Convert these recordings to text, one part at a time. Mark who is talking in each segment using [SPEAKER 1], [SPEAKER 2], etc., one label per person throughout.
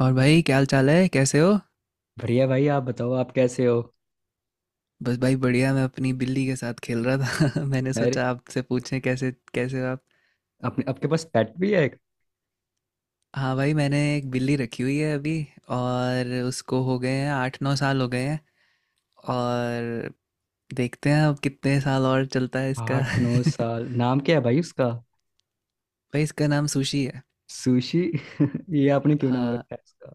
[SPEAKER 1] और भाई, क्या हाल चाल है? कैसे हो?
[SPEAKER 2] बढ़िया भाई। आप बताओ, आप कैसे हो?
[SPEAKER 1] बस भाई, बढ़िया। मैं अपनी बिल्ली के साथ खेल रहा था। मैंने
[SPEAKER 2] अरे,
[SPEAKER 1] सोचा आपसे पूछें कैसे कैसे हो आप।
[SPEAKER 2] अपने आपके पास पेट भी है एक?
[SPEAKER 1] हाँ भाई, मैंने एक बिल्ली रखी हुई है अभी, और उसको हो गए हैं 8-9 साल हो गए हैं। और देखते हैं अब कितने साल और चलता है इसका।
[SPEAKER 2] आठ नौ साल नाम क्या है भाई उसका?
[SPEAKER 1] भाई, इसका नाम सुशी है।
[SPEAKER 2] सुशी। ये आपने क्यों नाम
[SPEAKER 1] हाँ
[SPEAKER 2] रखा है उसका?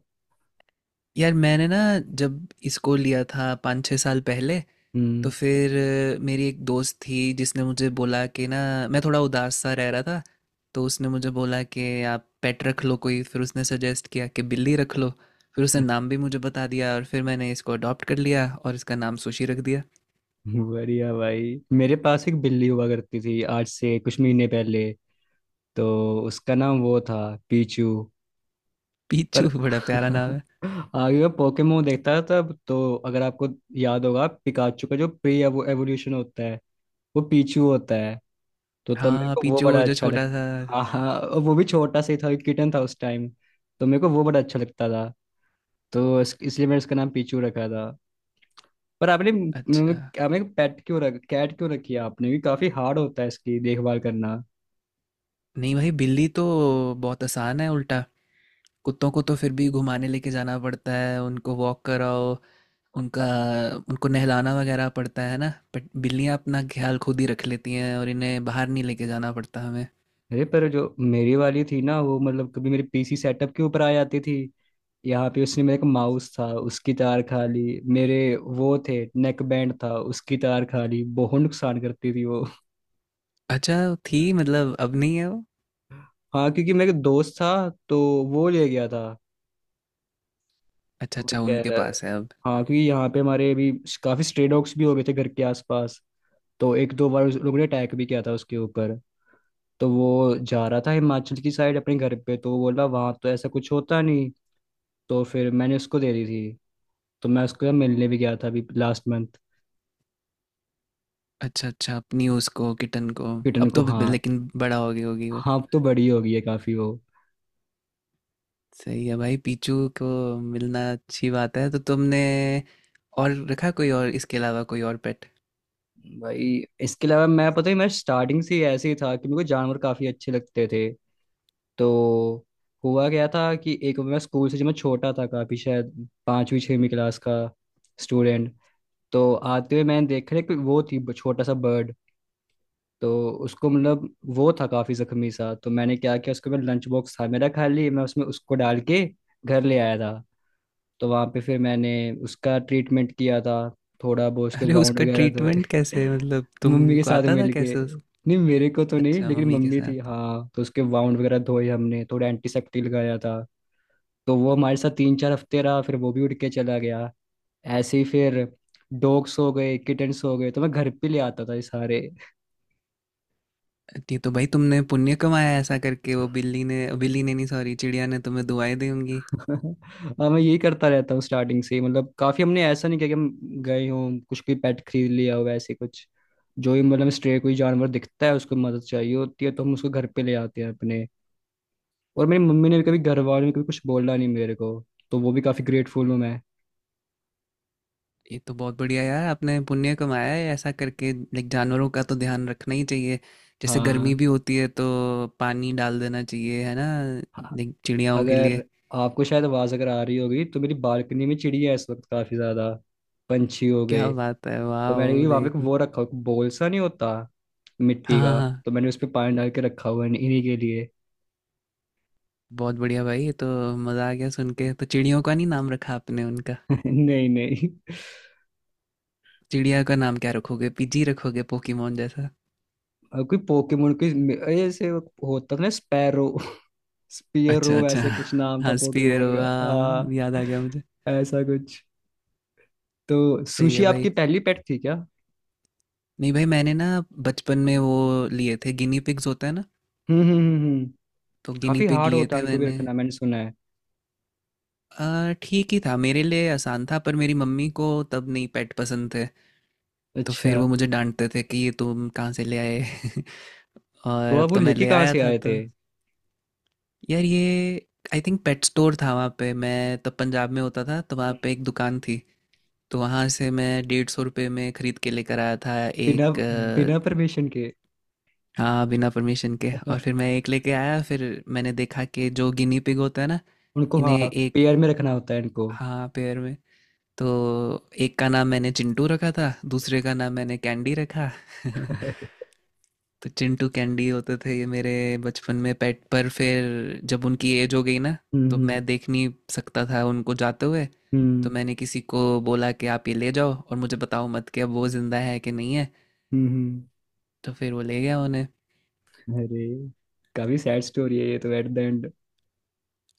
[SPEAKER 1] यार, मैंने ना, जब इसको लिया था 5-6 साल पहले, तो
[SPEAKER 2] हम्म।
[SPEAKER 1] फिर मेरी एक दोस्त थी जिसने मुझे बोला कि ना मैं थोड़ा उदास सा रह रहा था। तो उसने मुझे बोला कि आप पेट रख लो कोई, फिर उसने सजेस्ट किया कि बिल्ली रख लो। फिर उसने नाम भी मुझे बता दिया और फिर मैंने इसको अडॉप्ट कर लिया और इसका नाम सुशी रख दिया।
[SPEAKER 2] बढ़िया भाई, मेरे पास एक बिल्ली हुआ करती थी आज से कुछ महीने पहले। तो उसका नाम वो था पीचू। पर
[SPEAKER 1] पीचू, बड़ा प्यारा नाम है।
[SPEAKER 2] आगे मैं पोकेमोन देखता था तब, तो अगर आपको याद होगा पिकाचू का जो प्री एवोल्यूशन होता है वो पीचू होता है। तो तब मेरे
[SPEAKER 1] हाँ,
[SPEAKER 2] को वो
[SPEAKER 1] पीचू वो
[SPEAKER 2] बड़ा
[SPEAKER 1] जो
[SPEAKER 2] अच्छा लग...
[SPEAKER 1] छोटा सा।
[SPEAKER 2] हाँ हाँ, और वो भी छोटा सा ही था, किटन था उस टाइम। तो मेरे को वो बड़ा अच्छा लगता था। तो इसलिए मैंने इसका नाम पीचू रखा था। पर आपने,
[SPEAKER 1] अच्छा।
[SPEAKER 2] मतलब आपने पेट क्यों रख कैट क्यों रखी है आपने भी? काफी हार्ड होता है इसकी देखभाल करना।
[SPEAKER 1] नहीं भाई, बिल्ली तो बहुत आसान है उल्टा। कुत्तों को तो फिर भी घुमाने लेके जाना पड़ता है, उनको वॉक कराओ, उनका उनको नहलाना वगैरह पड़ता है ना। बट बिल्लियाँ अपना ख्याल खुद ही रख लेती हैं और इन्हें बाहर नहीं लेके जाना पड़ता हमें।
[SPEAKER 2] अरे, पर जो मेरी वाली थी ना, वो मतलब कभी मेरे पीसी सेटअप के ऊपर आ जाती थी यहाँ पे। उसने मेरे को माउस था उसकी तार खा ली, मेरे वो थे नेक बैंड था उसकी तार खा ली, बहुत नुकसान करती थी वो।
[SPEAKER 1] अच्छा, थी मतलब? अब नहीं है वो?
[SPEAKER 2] हाँ, क्योंकि मेरे दोस्त था तो वो ले गया था।
[SPEAKER 1] अच्छा
[SPEAKER 2] वो
[SPEAKER 1] अच्छा,
[SPEAKER 2] कह
[SPEAKER 1] उनके
[SPEAKER 2] रहा...
[SPEAKER 1] पास है अब।
[SPEAKER 2] हाँ, क्योंकि यहाँ पे हमारे अभी काफी स्ट्रे डॉग्स भी हो गए थे घर के आसपास। तो 1-2 बार उस लोगों ने अटैक भी किया था उसके ऊपर। तो वो जा रहा था हिमाचल की साइड अपने घर पे, तो वो बोला वहां तो ऐसा कुछ होता नहीं। तो फिर मैंने उसको दे दी थी। तो मैं उसको मिलने भी गया था अभी लास्ट मंथ।
[SPEAKER 1] अच्छा अच्छा, अपनी उसको किटन को।
[SPEAKER 2] किटन
[SPEAKER 1] अब
[SPEAKER 2] को,
[SPEAKER 1] तो
[SPEAKER 2] हाँ।
[SPEAKER 1] लेकिन बड़ा हो गई होगी वो।
[SPEAKER 2] हाँ, अब तो बड़ी हो गई है काफी वो।
[SPEAKER 1] सही है भाई, पीचू को मिलना अच्छी बात है। तो तुमने और रखा कोई, और इसके अलावा कोई और पेट?
[SPEAKER 2] भाई, इसके अलावा मैं पता ही मैं स्टार्टिंग से ही ऐसे ही था कि मेरे को जानवर काफी अच्छे लगते थे। तो हुआ क्या था कि एक, मैं स्कूल से, जब मैं छोटा था काफी, शायद 5वीं 6वीं क्लास का स्टूडेंट, तो आते हुए मैंने देखा एक वो थी छोटा सा बर्ड। तो उसको, मतलब वो था काफी जख्मी सा, तो मैंने क्या किया उसके बाद, लंच बॉक्स था मेरा खाली, मैं उसमें उसको डाल के घर ले आया था। तो वहाँ पे फिर मैंने उसका ट्रीटमेंट किया था, थोड़ा बहुत उसके
[SPEAKER 1] अरे,
[SPEAKER 2] वाउंड
[SPEAKER 1] उसका
[SPEAKER 2] वगैरह धोए।
[SPEAKER 1] ट्रीटमेंट कैसे? मतलब
[SPEAKER 2] मम्मी के
[SPEAKER 1] तुमको
[SPEAKER 2] साथ
[SPEAKER 1] आता था
[SPEAKER 2] मिलके,
[SPEAKER 1] कैसे उस?
[SPEAKER 2] नहीं मेरे को तो नहीं,
[SPEAKER 1] अच्छा,
[SPEAKER 2] लेकिन
[SPEAKER 1] मम्मी के
[SPEAKER 2] मम्मी थी
[SPEAKER 1] साथ।
[SPEAKER 2] हाँ, तो उसके वाउंड वगैरह धोए हमने, थोड़ा एंटीसेप्टिक लगाया था। तो वो हमारे साथ 3-4 हफ्ते रहा, फिर वो भी उठ के चला गया। ऐसे ही फिर डॉग्स हो गए, किटन्स हो गए, तो मैं घर पे ले आता था ये सारे।
[SPEAKER 1] ये तो भाई, तुमने पुण्य कमाया ऐसा करके। वो बिल्ली ने, बिल्ली ने नहीं, सॉरी, चिड़िया ने तुम्हें दुआएं दी होंगी।
[SPEAKER 2] हाँ, मैं यही करता रहता हूँ स्टार्टिंग से ही। मतलब काफी हमने ऐसा नहीं किया कि हम गए हों कुछ भी पेट खरीद लिया हो ऐसे कुछ। जो ही मतलब स्ट्रे कोई जानवर दिखता है उसको मदद चाहिए होती है तो हम उसको घर पे ले आते हैं अपने। और मेरी मम्मी ने भी कभी, घर वालों ने कभी कुछ बोला नहीं मेरे को, तो वो भी काफी ग्रेटफुल हूँ मैं।
[SPEAKER 1] ये तो बहुत बढ़िया यार, आपने पुण्य कमाया है ऐसा करके। लाइक, जानवरों का तो ध्यान रखना ही चाहिए। जैसे गर्मी
[SPEAKER 2] हाँ।
[SPEAKER 1] भी होती है तो पानी डाल देना चाहिए, है ना?
[SPEAKER 2] हाँ।
[SPEAKER 1] लाइक, चिड़ियाओं के लिए।
[SPEAKER 2] अगर आपको शायद आवाज अगर आ रही होगी तो मेरी बालकनी में चिड़िया है इस वक्त, काफी ज्यादा पंछी हो
[SPEAKER 1] क्या
[SPEAKER 2] गए।
[SPEAKER 1] बात है,
[SPEAKER 2] तो मैंने भी
[SPEAKER 1] वाह।
[SPEAKER 2] वहां पे एक
[SPEAKER 1] लाइक।
[SPEAKER 2] वो रखा हुआ, बोल सा नहीं होता,
[SPEAKER 1] हाँ
[SPEAKER 2] मिट्टी
[SPEAKER 1] हाँ
[SPEAKER 2] का।
[SPEAKER 1] हाँ,
[SPEAKER 2] तो मैंने उस पे पानी डाल के रखा हुआ है इन्हीं के लिए।
[SPEAKER 1] बहुत बढ़िया भाई, ये तो। मज़ा आ गया सुन के। तो चिड़ियों का नहीं नाम रखा आपने उनका?
[SPEAKER 2] नहीं नहीं।
[SPEAKER 1] चिड़िया का नाम क्या रखोगे? पिजी रखोगे, पोकीमोन जैसा?
[SPEAKER 2] और कोई पोकेमोन कोई ऐसे होता था ना, स्पैरो, स्पियरो
[SPEAKER 1] अच्छा अच्छा।
[SPEAKER 2] ऐसे कुछ नाम था
[SPEAKER 1] हाँ, स्पीयर
[SPEAKER 2] पोकेमोन का,
[SPEAKER 1] हुआ, याद आ गया मुझे।
[SPEAKER 2] हाँ। ऐसा कुछ। तो
[SPEAKER 1] सही
[SPEAKER 2] सुशी
[SPEAKER 1] है
[SPEAKER 2] आपकी
[SPEAKER 1] भाई।
[SPEAKER 2] पहली पेट थी क्या?
[SPEAKER 1] नहीं भाई, मैंने ना बचपन में वो लिए थे, गिनी पिग्स होता है ना।
[SPEAKER 2] हम्म हम्म हम्म हम्म।
[SPEAKER 1] तो गिनी
[SPEAKER 2] काफी
[SPEAKER 1] पिग
[SPEAKER 2] हार्ड
[SPEAKER 1] लिए
[SPEAKER 2] होता है
[SPEAKER 1] थे
[SPEAKER 2] उनको भी
[SPEAKER 1] मैंने।
[SPEAKER 2] रखना, मैंने सुना है।
[SPEAKER 1] ठीक ही था मेरे लिए, आसान था, पर मेरी मम्मी को तब नहीं पेट पसंद थे। तो फिर
[SPEAKER 2] अच्छा,
[SPEAKER 1] वो मुझे डाँटते थे कि ये तुम कहाँ से ले आए।
[SPEAKER 2] तो
[SPEAKER 1] और अब
[SPEAKER 2] आप वो
[SPEAKER 1] तो मैं
[SPEAKER 2] लेके
[SPEAKER 1] ले
[SPEAKER 2] कहाँ
[SPEAKER 1] आया
[SPEAKER 2] से
[SPEAKER 1] था
[SPEAKER 2] आए थे?
[SPEAKER 1] तो। यार, ये आई थिंक पेट स्टोर था, वहाँ पे। मैं तब पंजाब में होता था, तो वहाँ पे एक दुकान थी। तो वहाँ से मैं 150 रुपये में ख़रीद के लेकर आया था
[SPEAKER 2] बिना...
[SPEAKER 1] एक।
[SPEAKER 2] बिना परमिशन के?
[SPEAKER 1] हाँ, बिना परमिशन के, और फिर मैं एक लेके आया। फिर मैंने देखा कि जो गिनी पिग होता है ना,
[SPEAKER 2] उनको, हाँ,
[SPEAKER 1] इन्हें एक।
[SPEAKER 2] पेयर में रखना होता है इनको।
[SPEAKER 1] हाँ, पेयर में। तो एक का नाम मैंने चिंटू रखा था, दूसरे का नाम मैंने कैंडी रखा। तो चिंटू कैंडी होते थे ये मेरे बचपन में पेट। पर फिर जब उनकी एज हो गई ना, तो
[SPEAKER 2] हम्म
[SPEAKER 1] मैं देख नहीं सकता था उनको जाते हुए। तो
[SPEAKER 2] हम्म
[SPEAKER 1] मैंने किसी को बोला कि आप ये ले जाओ और मुझे बताओ मत कि अब वो ज़िंदा है कि नहीं है।
[SPEAKER 2] हम्म हम्म।
[SPEAKER 1] तो फिर वो ले गया उन्हें।
[SPEAKER 2] अरे, काफी सैड स्टोरी है ये तो एट द एंड।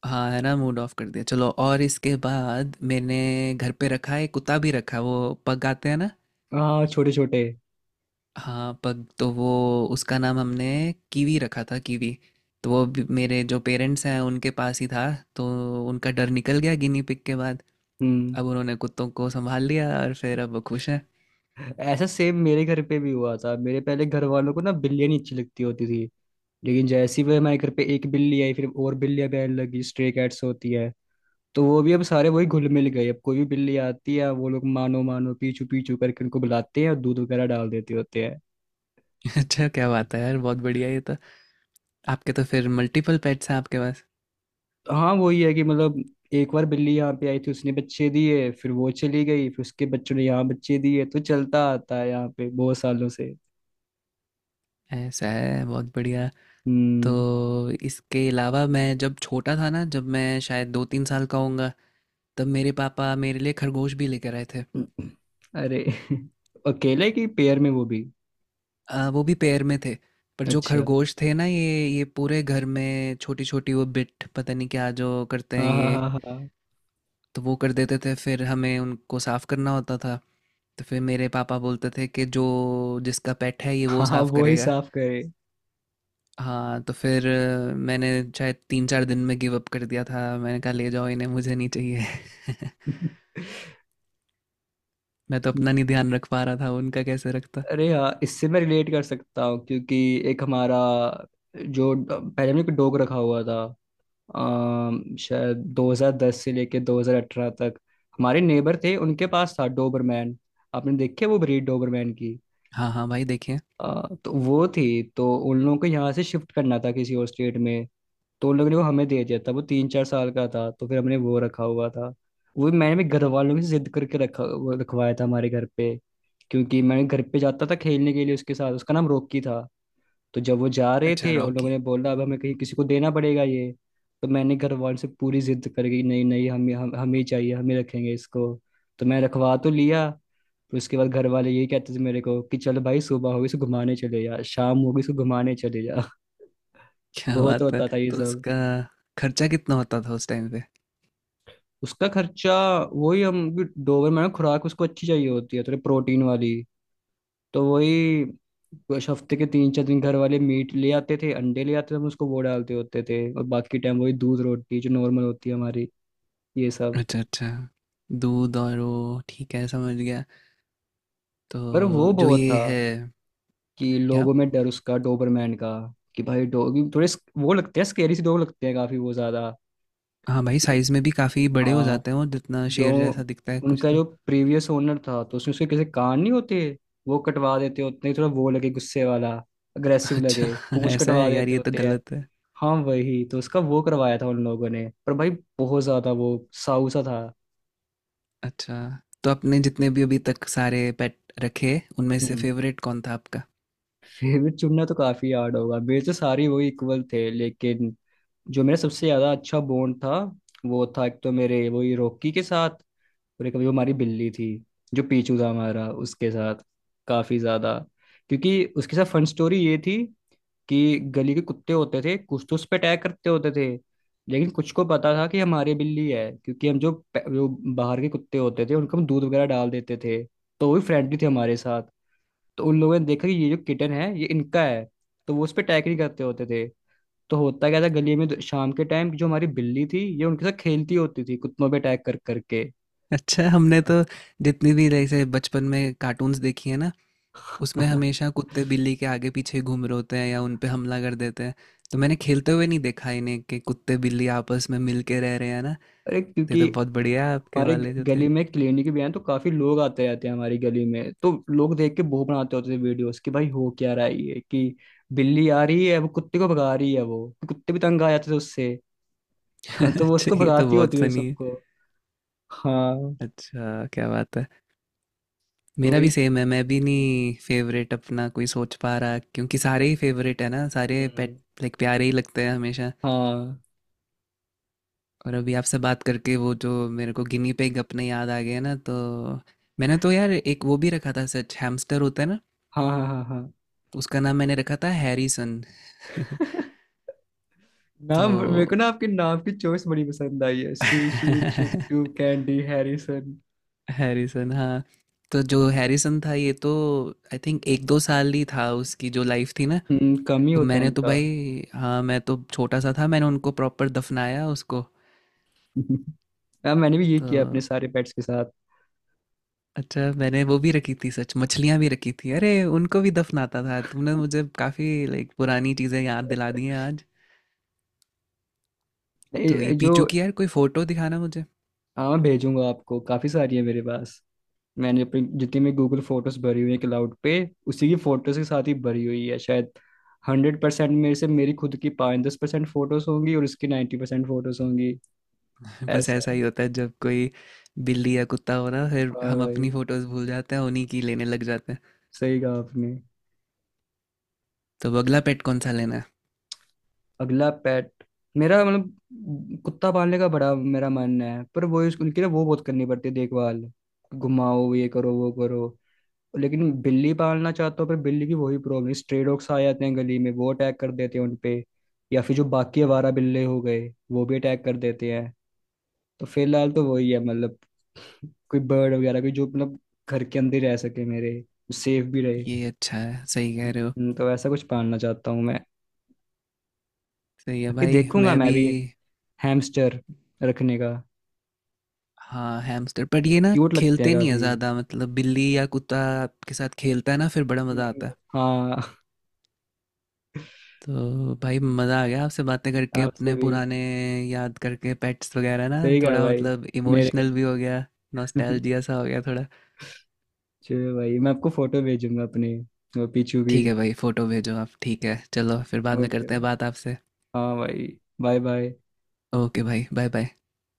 [SPEAKER 1] हाँ, है ना, मूड ऑफ कर दिया। चलो, और इसके बाद मैंने घर पे रखा है, कुत्ता भी रखा, वो पग आते हैं ना।
[SPEAKER 2] हाँ, छोटे छोटे।
[SPEAKER 1] हाँ, पग, तो वो, उसका नाम हमने कीवी रखा था, कीवी। तो वो मेरे जो पेरेंट्स हैं उनके पास ही था। तो उनका डर निकल गया गिनी पिग के बाद।
[SPEAKER 2] हम्म।
[SPEAKER 1] अब उन्होंने कुत्तों को संभाल लिया और फिर अब वो खुश हैं।
[SPEAKER 2] ऐसा सेम मेरे घर पे भी हुआ था, मेरे पहले घर वालों को ना बिल्लियाँ नहीं अच्छी लगती होती थी, लेकिन जैसे ही वो हमारे घर पे एक बिल्ली आई फिर और बिल्लियाँ भी आने लगी, स्ट्रे कैट्स होती है। तो वो भी अब सारे वही घुल मिल गए, अब कोई भी बिल्ली आती है वो लोग मानो मानो पीछू पीछू करके उनको बुलाते हैं और दूध वगैरह डाल देते होते हैं।
[SPEAKER 1] अच्छा, क्या बात है यार, बहुत बढ़िया ये तो। आपके तो फिर मल्टीपल पेट्स हैं आपके पास।
[SPEAKER 2] तो हाँ, वही है कि मतलब एक बार बिल्ली यहाँ पे आई थी, उसने बच्चे दिए, फिर वो चली गई, फिर उसके बच्चों ने यहाँ बच्चे दिए, तो चलता आता है यहाँ पे बहुत सालों से।
[SPEAKER 1] ऐसा है, बहुत बढ़िया। तो
[SPEAKER 2] हम्म।
[SPEAKER 1] इसके अलावा मैं जब छोटा था ना, जब मैं शायद 2-3 साल का होऊंगा, तब मेरे पापा मेरे लिए खरगोश भी लेकर आए थे।
[SPEAKER 2] अरे अकेले की पेयर में वो भी?
[SPEAKER 1] वो भी पेड़ में थे। पर जो
[SPEAKER 2] अच्छा।
[SPEAKER 1] खरगोश थे ना, ये पूरे घर में छोटी-छोटी वो बिट पता नहीं क्या जो करते हैं
[SPEAKER 2] हाँ हाँ
[SPEAKER 1] ये,
[SPEAKER 2] हाँ हाँ।
[SPEAKER 1] तो वो कर देते थे, फिर हमें उनको साफ़ करना होता था। तो फिर मेरे पापा बोलते थे कि जो जिसका पेट है ये वो
[SPEAKER 2] हाँ, हाँ,
[SPEAKER 1] साफ़
[SPEAKER 2] वो ही
[SPEAKER 1] करेगा।
[SPEAKER 2] साफ करे।
[SPEAKER 1] हाँ, तो फिर मैंने शायद 3-4 दिन में गिव अप कर दिया था। मैंने कहा ले जाओ इन्हें, मुझे नहीं चाहिए। मैं तो अपना नहीं ध्यान रख पा रहा था, उनका कैसे रखता।
[SPEAKER 2] अरे हाँ, इससे मैं रिलेट कर सकता हूँ क्योंकि एक हमारा, जो पहले हमने एक डॉग रखा हुआ था, शायद 2010 से लेके 2018 तक। हमारे नेबर थे, उनके पास था डोबरमैन, आपने देखे वो ब्रीड डोबरमैन?
[SPEAKER 1] हाँ, हाँ, भाई देखिए।
[SPEAKER 2] तो वो थी, तो उन लोगों को यहाँ से शिफ्ट करना था किसी और स्टेट में, तो उन लोगों ने वो हमें दे दिया था। वो 3-4 साल का था, तो फिर हमने वो रखा हुआ था। वो मैंने भी घर वालों से जिद करके रखा, वो रखवाया था हमारे घर पे, क्योंकि मैं घर पे जाता था खेलने के लिए उसके साथ, उसका नाम रॉकी था। तो जब वो जा रहे
[SPEAKER 1] अच्छा,
[SPEAKER 2] थे और लोगों
[SPEAKER 1] रॉकी।
[SPEAKER 2] ने बोला अब हमें कहीं किसी को देना पड़ेगा ये, तो मैंने घर वालों से पूरी जिद कर गई, नहीं नहीं हमें, हम हमें ही चाहिए, हमें रखेंगे इसको। तो मैं रखवा तो लिया। फिर उसके बाद घर वाले यही कहते थे मेरे को कि चलो भाई, सुबह होगी इसको घुमाने चले जा, शाम होगी इसको घुमाने चले जा।
[SPEAKER 1] क्या
[SPEAKER 2] बहुत
[SPEAKER 1] बात है।
[SPEAKER 2] होता था ये
[SPEAKER 1] तो
[SPEAKER 2] सब।
[SPEAKER 1] उसका खर्चा कितना होता था उस टाइम पे?
[SPEAKER 2] उसका खर्चा, वही, हम डोबर खुराक उसको अच्छी चाहिए होती है, थोड़ी प्रोटीन वाली, तो वही कुछ हफ्ते के 3-4 दिन घर वाले मीट ले आते थे, अंडे ले आते थे, हम उसको वो डालते होते थे, और बाकी टाइम वही दूध रोटी जो नॉर्मल होती है हमारी, ये सब।
[SPEAKER 1] अच्छा अच्छा, दूध और वो ठीक है, समझ गया।
[SPEAKER 2] पर वो
[SPEAKER 1] तो जो
[SPEAKER 2] बहुत
[SPEAKER 1] ये
[SPEAKER 2] था
[SPEAKER 1] है।
[SPEAKER 2] कि
[SPEAKER 1] क्या?
[SPEAKER 2] लोगों में डर, उसका डोबरमैन का कि भाई डॉगी थोड़े वो लगते हैं, स्केरी से डॉग लगते हैं काफी वो ज्यादा।
[SPEAKER 1] हाँ भाई, साइज में भी काफ़ी बड़े हो
[SPEAKER 2] हाँ,
[SPEAKER 1] जाते हैं वो, जितना
[SPEAKER 2] जो,
[SPEAKER 1] शेर जैसा दिखता है कुछ
[SPEAKER 2] उनका
[SPEAKER 1] तो।
[SPEAKER 2] जो प्रीवियस ओनर था, तो उसमें उसके कैसे कान नहीं होते, वो कटवा देते होते हैं, थोड़ा वो लगे गुस्से वाला, अग्रेसिव
[SPEAKER 1] अच्छा।
[SPEAKER 2] लगे, पूंछ
[SPEAKER 1] ऐसा
[SPEAKER 2] कटवा
[SPEAKER 1] है यार,
[SPEAKER 2] देते
[SPEAKER 1] ये तो
[SPEAKER 2] होते हैं।
[SPEAKER 1] गलत है।
[SPEAKER 2] हाँ वही, तो उसका वो करवाया था उन लोगों ने, पर भाई बहुत ज्यादा वो साऊ सा था।
[SPEAKER 1] अच्छा, तो आपने जितने भी अभी तक सारे पेट रखे, उनमें से
[SPEAKER 2] हम्म।
[SPEAKER 1] फेवरेट कौन था आपका?
[SPEAKER 2] फेवरेट चुनना तो काफी हार्ड होगा, मेरे तो सारे वो इक्वल थे, लेकिन जो मेरा सबसे ज्यादा अच्छा बॉन्ड था, वो था एक तो मेरे वही रॉकी के साथ, और एक अभी वो हमारी बिल्ली थी जो पीछू था हमारा, उसके साथ काफी ज्यादा। क्योंकि उसके साथ फन स्टोरी ये थी कि गली के कुत्ते होते थे कुछ, तो उस पर अटैक करते होते थे, लेकिन कुछ को पता था कि हमारी बिल्ली है, क्योंकि हम जो बाहर के कुत्ते होते थे उनको हम दूध वगैरह डाल देते थे, तो वो भी फ्रेंडली थे हमारे साथ। तो उन लोगों ने देखा कि ये जो किटन है ये इनका है, तो वो उस पर अटैक नहीं करते होते थे। तो होता क्या था गली में, तो शाम के टाइम जो हमारी बिल्ली थी ये उनके साथ खेलती होती थी, कुत्तों पे अटैक कर करके।
[SPEAKER 1] अच्छा, हमने तो जितनी भी जैसे बचपन में कार्टून्स देखी है ना, उसमें हमेशा कुत्ते बिल्ली के आगे पीछे घूम रहे होते हैं या उन पे हमला कर देते हैं। तो मैंने खेलते हुए नहीं देखा इन्हें कि कुत्ते बिल्ली आपस में मिल के रह रहे हैं ना।
[SPEAKER 2] अरे,
[SPEAKER 1] तो ये
[SPEAKER 2] क्योंकि
[SPEAKER 1] तो बहुत बढ़िया है आपके
[SPEAKER 2] हमारे
[SPEAKER 1] वाले जो थे।
[SPEAKER 2] गली में क्लिनिक भी है, तो काफी लोग आते रहते हैं हमारी गली में, तो लोग देख के वो बनाते होते थे वीडियोस कि भाई हो क्या रहा है ये, कि बिल्ली आ रही है वो कुत्ते को भगा रही है, वो कुत्ते भी तंग आ जाते थे उससे। तो वो
[SPEAKER 1] अच्छा,
[SPEAKER 2] उसको
[SPEAKER 1] ये तो
[SPEAKER 2] भगाती
[SPEAKER 1] बहुत
[SPEAKER 2] होती थी उन
[SPEAKER 1] फनी है।
[SPEAKER 2] सबको। हाँ।
[SPEAKER 1] अच्छा, क्या बात है।
[SPEAKER 2] तो
[SPEAKER 1] मेरा भी
[SPEAKER 2] वही।
[SPEAKER 1] सेम है, मैं भी नहीं फेवरेट अपना कोई सोच पा रहा क्योंकि सारे ही फेवरेट है ना, सारे पेट।
[SPEAKER 2] हम्म,
[SPEAKER 1] लाइक, प्यारे ही लगते हैं हमेशा।
[SPEAKER 2] हाँ
[SPEAKER 1] और अभी आपसे बात करके वो जो मेरे को गिनी पिग अपने याद आ गए ना, तो मैंने तो यार एक वो भी रखा था सच, हैमस्टर होता है ना।
[SPEAKER 2] हाँ हाँ हाँ हाँ।
[SPEAKER 1] तो उसका नाम मैंने रखा था हैरिसन। तो
[SPEAKER 2] नाम, मेरे को ना आपके नाम की चॉइस बड़ी पसंद आई है, sushi, Chintu, candy, Harrison.
[SPEAKER 1] Harrison, हाँ। तो जो हैरिसन था, ये तो आई थिंक 1-2 साल ही था उसकी जो लाइफ थी ना।
[SPEAKER 2] कम ही
[SPEAKER 1] तो
[SPEAKER 2] होता है
[SPEAKER 1] मैंने तो
[SPEAKER 2] इनका।
[SPEAKER 1] भाई, हाँ, मैं तो छोटा सा था, मैंने उनको प्रॉपर दफनाया उसको।
[SPEAKER 2] हाँ, मैंने भी ये
[SPEAKER 1] तो
[SPEAKER 2] किया अपने सारे पेट्स के साथ।
[SPEAKER 1] अच्छा, मैंने वो भी रखी थी सच, मछलियाँ भी रखी थी। अरे, उनको भी दफनाता था, तुमने मुझे काफ़ी लाइक पुरानी चीज़ें याद दिला दी हैं आज। तो ये
[SPEAKER 2] नहीं, जो...
[SPEAKER 1] पीचू की यार कोई फ़ोटो दिखाना मुझे।
[SPEAKER 2] हाँ, भेजूंगा आपको, काफी सारी है मेरे पास। मैंने अपनी जितनी भी गूगल फोटोज भरी हुई है क्लाउड पे, उसी की फोटोज के साथ ही भरी हुई है शायद। 100%, मेरे से मेरी खुद की 5-10% फोटोज होंगी और उसकी 90% फोटोज होंगी,
[SPEAKER 1] बस
[SPEAKER 2] ऐसा
[SPEAKER 1] ऐसा
[SPEAKER 2] है।
[SPEAKER 1] ही होता है, जब कोई बिल्ली या कुत्ता हो ना, फिर
[SPEAKER 2] हाँ
[SPEAKER 1] हम
[SPEAKER 2] भाई,
[SPEAKER 1] अपनी फोटोज भूल जाते हैं, उन्हीं की लेने लग जाते हैं।
[SPEAKER 2] सही कहा आपने।
[SPEAKER 1] तो अब अगला पेट कौन सा लेना है?
[SPEAKER 2] अगला पेट, मेरा मतलब कुत्ता पालने का बड़ा मेरा मन है, पर वो उनकी ना वो बहुत करनी पड़ती है देखभाल, घुमाओ, ये करो वो करो, लेकिन बिल्ली पालना चाहता हूँ, पर बिल्ली की वही प्रॉब्लम, स्ट्रे डॉग्स आ जाते हैं गली में वो अटैक कर देते हैं उनपे, या फिर जो बाकी आवारा बिल्ले हो गए वो भी अटैक कर देते हैं। तो फिलहाल तो वही है, मतलब कोई बर्ड वगैरह, कोई जो मतलब घर के अंदर ही रह सके मेरे, सेफ भी रहे।
[SPEAKER 1] ये अच्छा है, सही कह रहे हो।
[SPEAKER 2] तो ऐसा कुछ पालना चाहता हूँ मैं।
[SPEAKER 1] सही है
[SPEAKER 2] बाकी
[SPEAKER 1] भाई,
[SPEAKER 2] देखूंगा
[SPEAKER 1] मैं
[SPEAKER 2] मैं
[SPEAKER 1] भी।
[SPEAKER 2] भी, हैमस्टर रखने का,
[SPEAKER 1] हाँ, हैमस्टर, बट ये ना
[SPEAKER 2] क्यूट लगते हैं
[SPEAKER 1] खेलते नहीं है
[SPEAKER 2] काफी।
[SPEAKER 1] ज़्यादा, मतलब बिल्ली या कुत्ता आपके साथ खेलता है ना, फिर बड़ा मज़ा
[SPEAKER 2] हम्म।
[SPEAKER 1] आता है।
[SPEAKER 2] हाँ।
[SPEAKER 1] तो भाई, मज़ा आ गया आपसे बातें करके,
[SPEAKER 2] आपसे
[SPEAKER 1] अपने
[SPEAKER 2] भी
[SPEAKER 1] पुराने याद करके पेट्स वगैरह ना,
[SPEAKER 2] सही कहा
[SPEAKER 1] थोड़ा
[SPEAKER 2] भाई
[SPEAKER 1] मतलब
[SPEAKER 2] मेरे
[SPEAKER 1] इमोशनल भी हो गया।
[SPEAKER 2] को।
[SPEAKER 1] नॉस्टैल्जिया सा हो गया थोड़ा।
[SPEAKER 2] चलो भाई, मैं आपको फोटो भेजूंगा अपने, वो पीछू की।
[SPEAKER 1] ठीक है भाई, फ़ोटो भेजो आप। ठीक है, चलो फिर बाद में
[SPEAKER 2] ओके,
[SPEAKER 1] करते हैं बात आपसे।
[SPEAKER 2] हाँ भाई, बाय बाय।
[SPEAKER 1] ओके भाई, बाय बाय।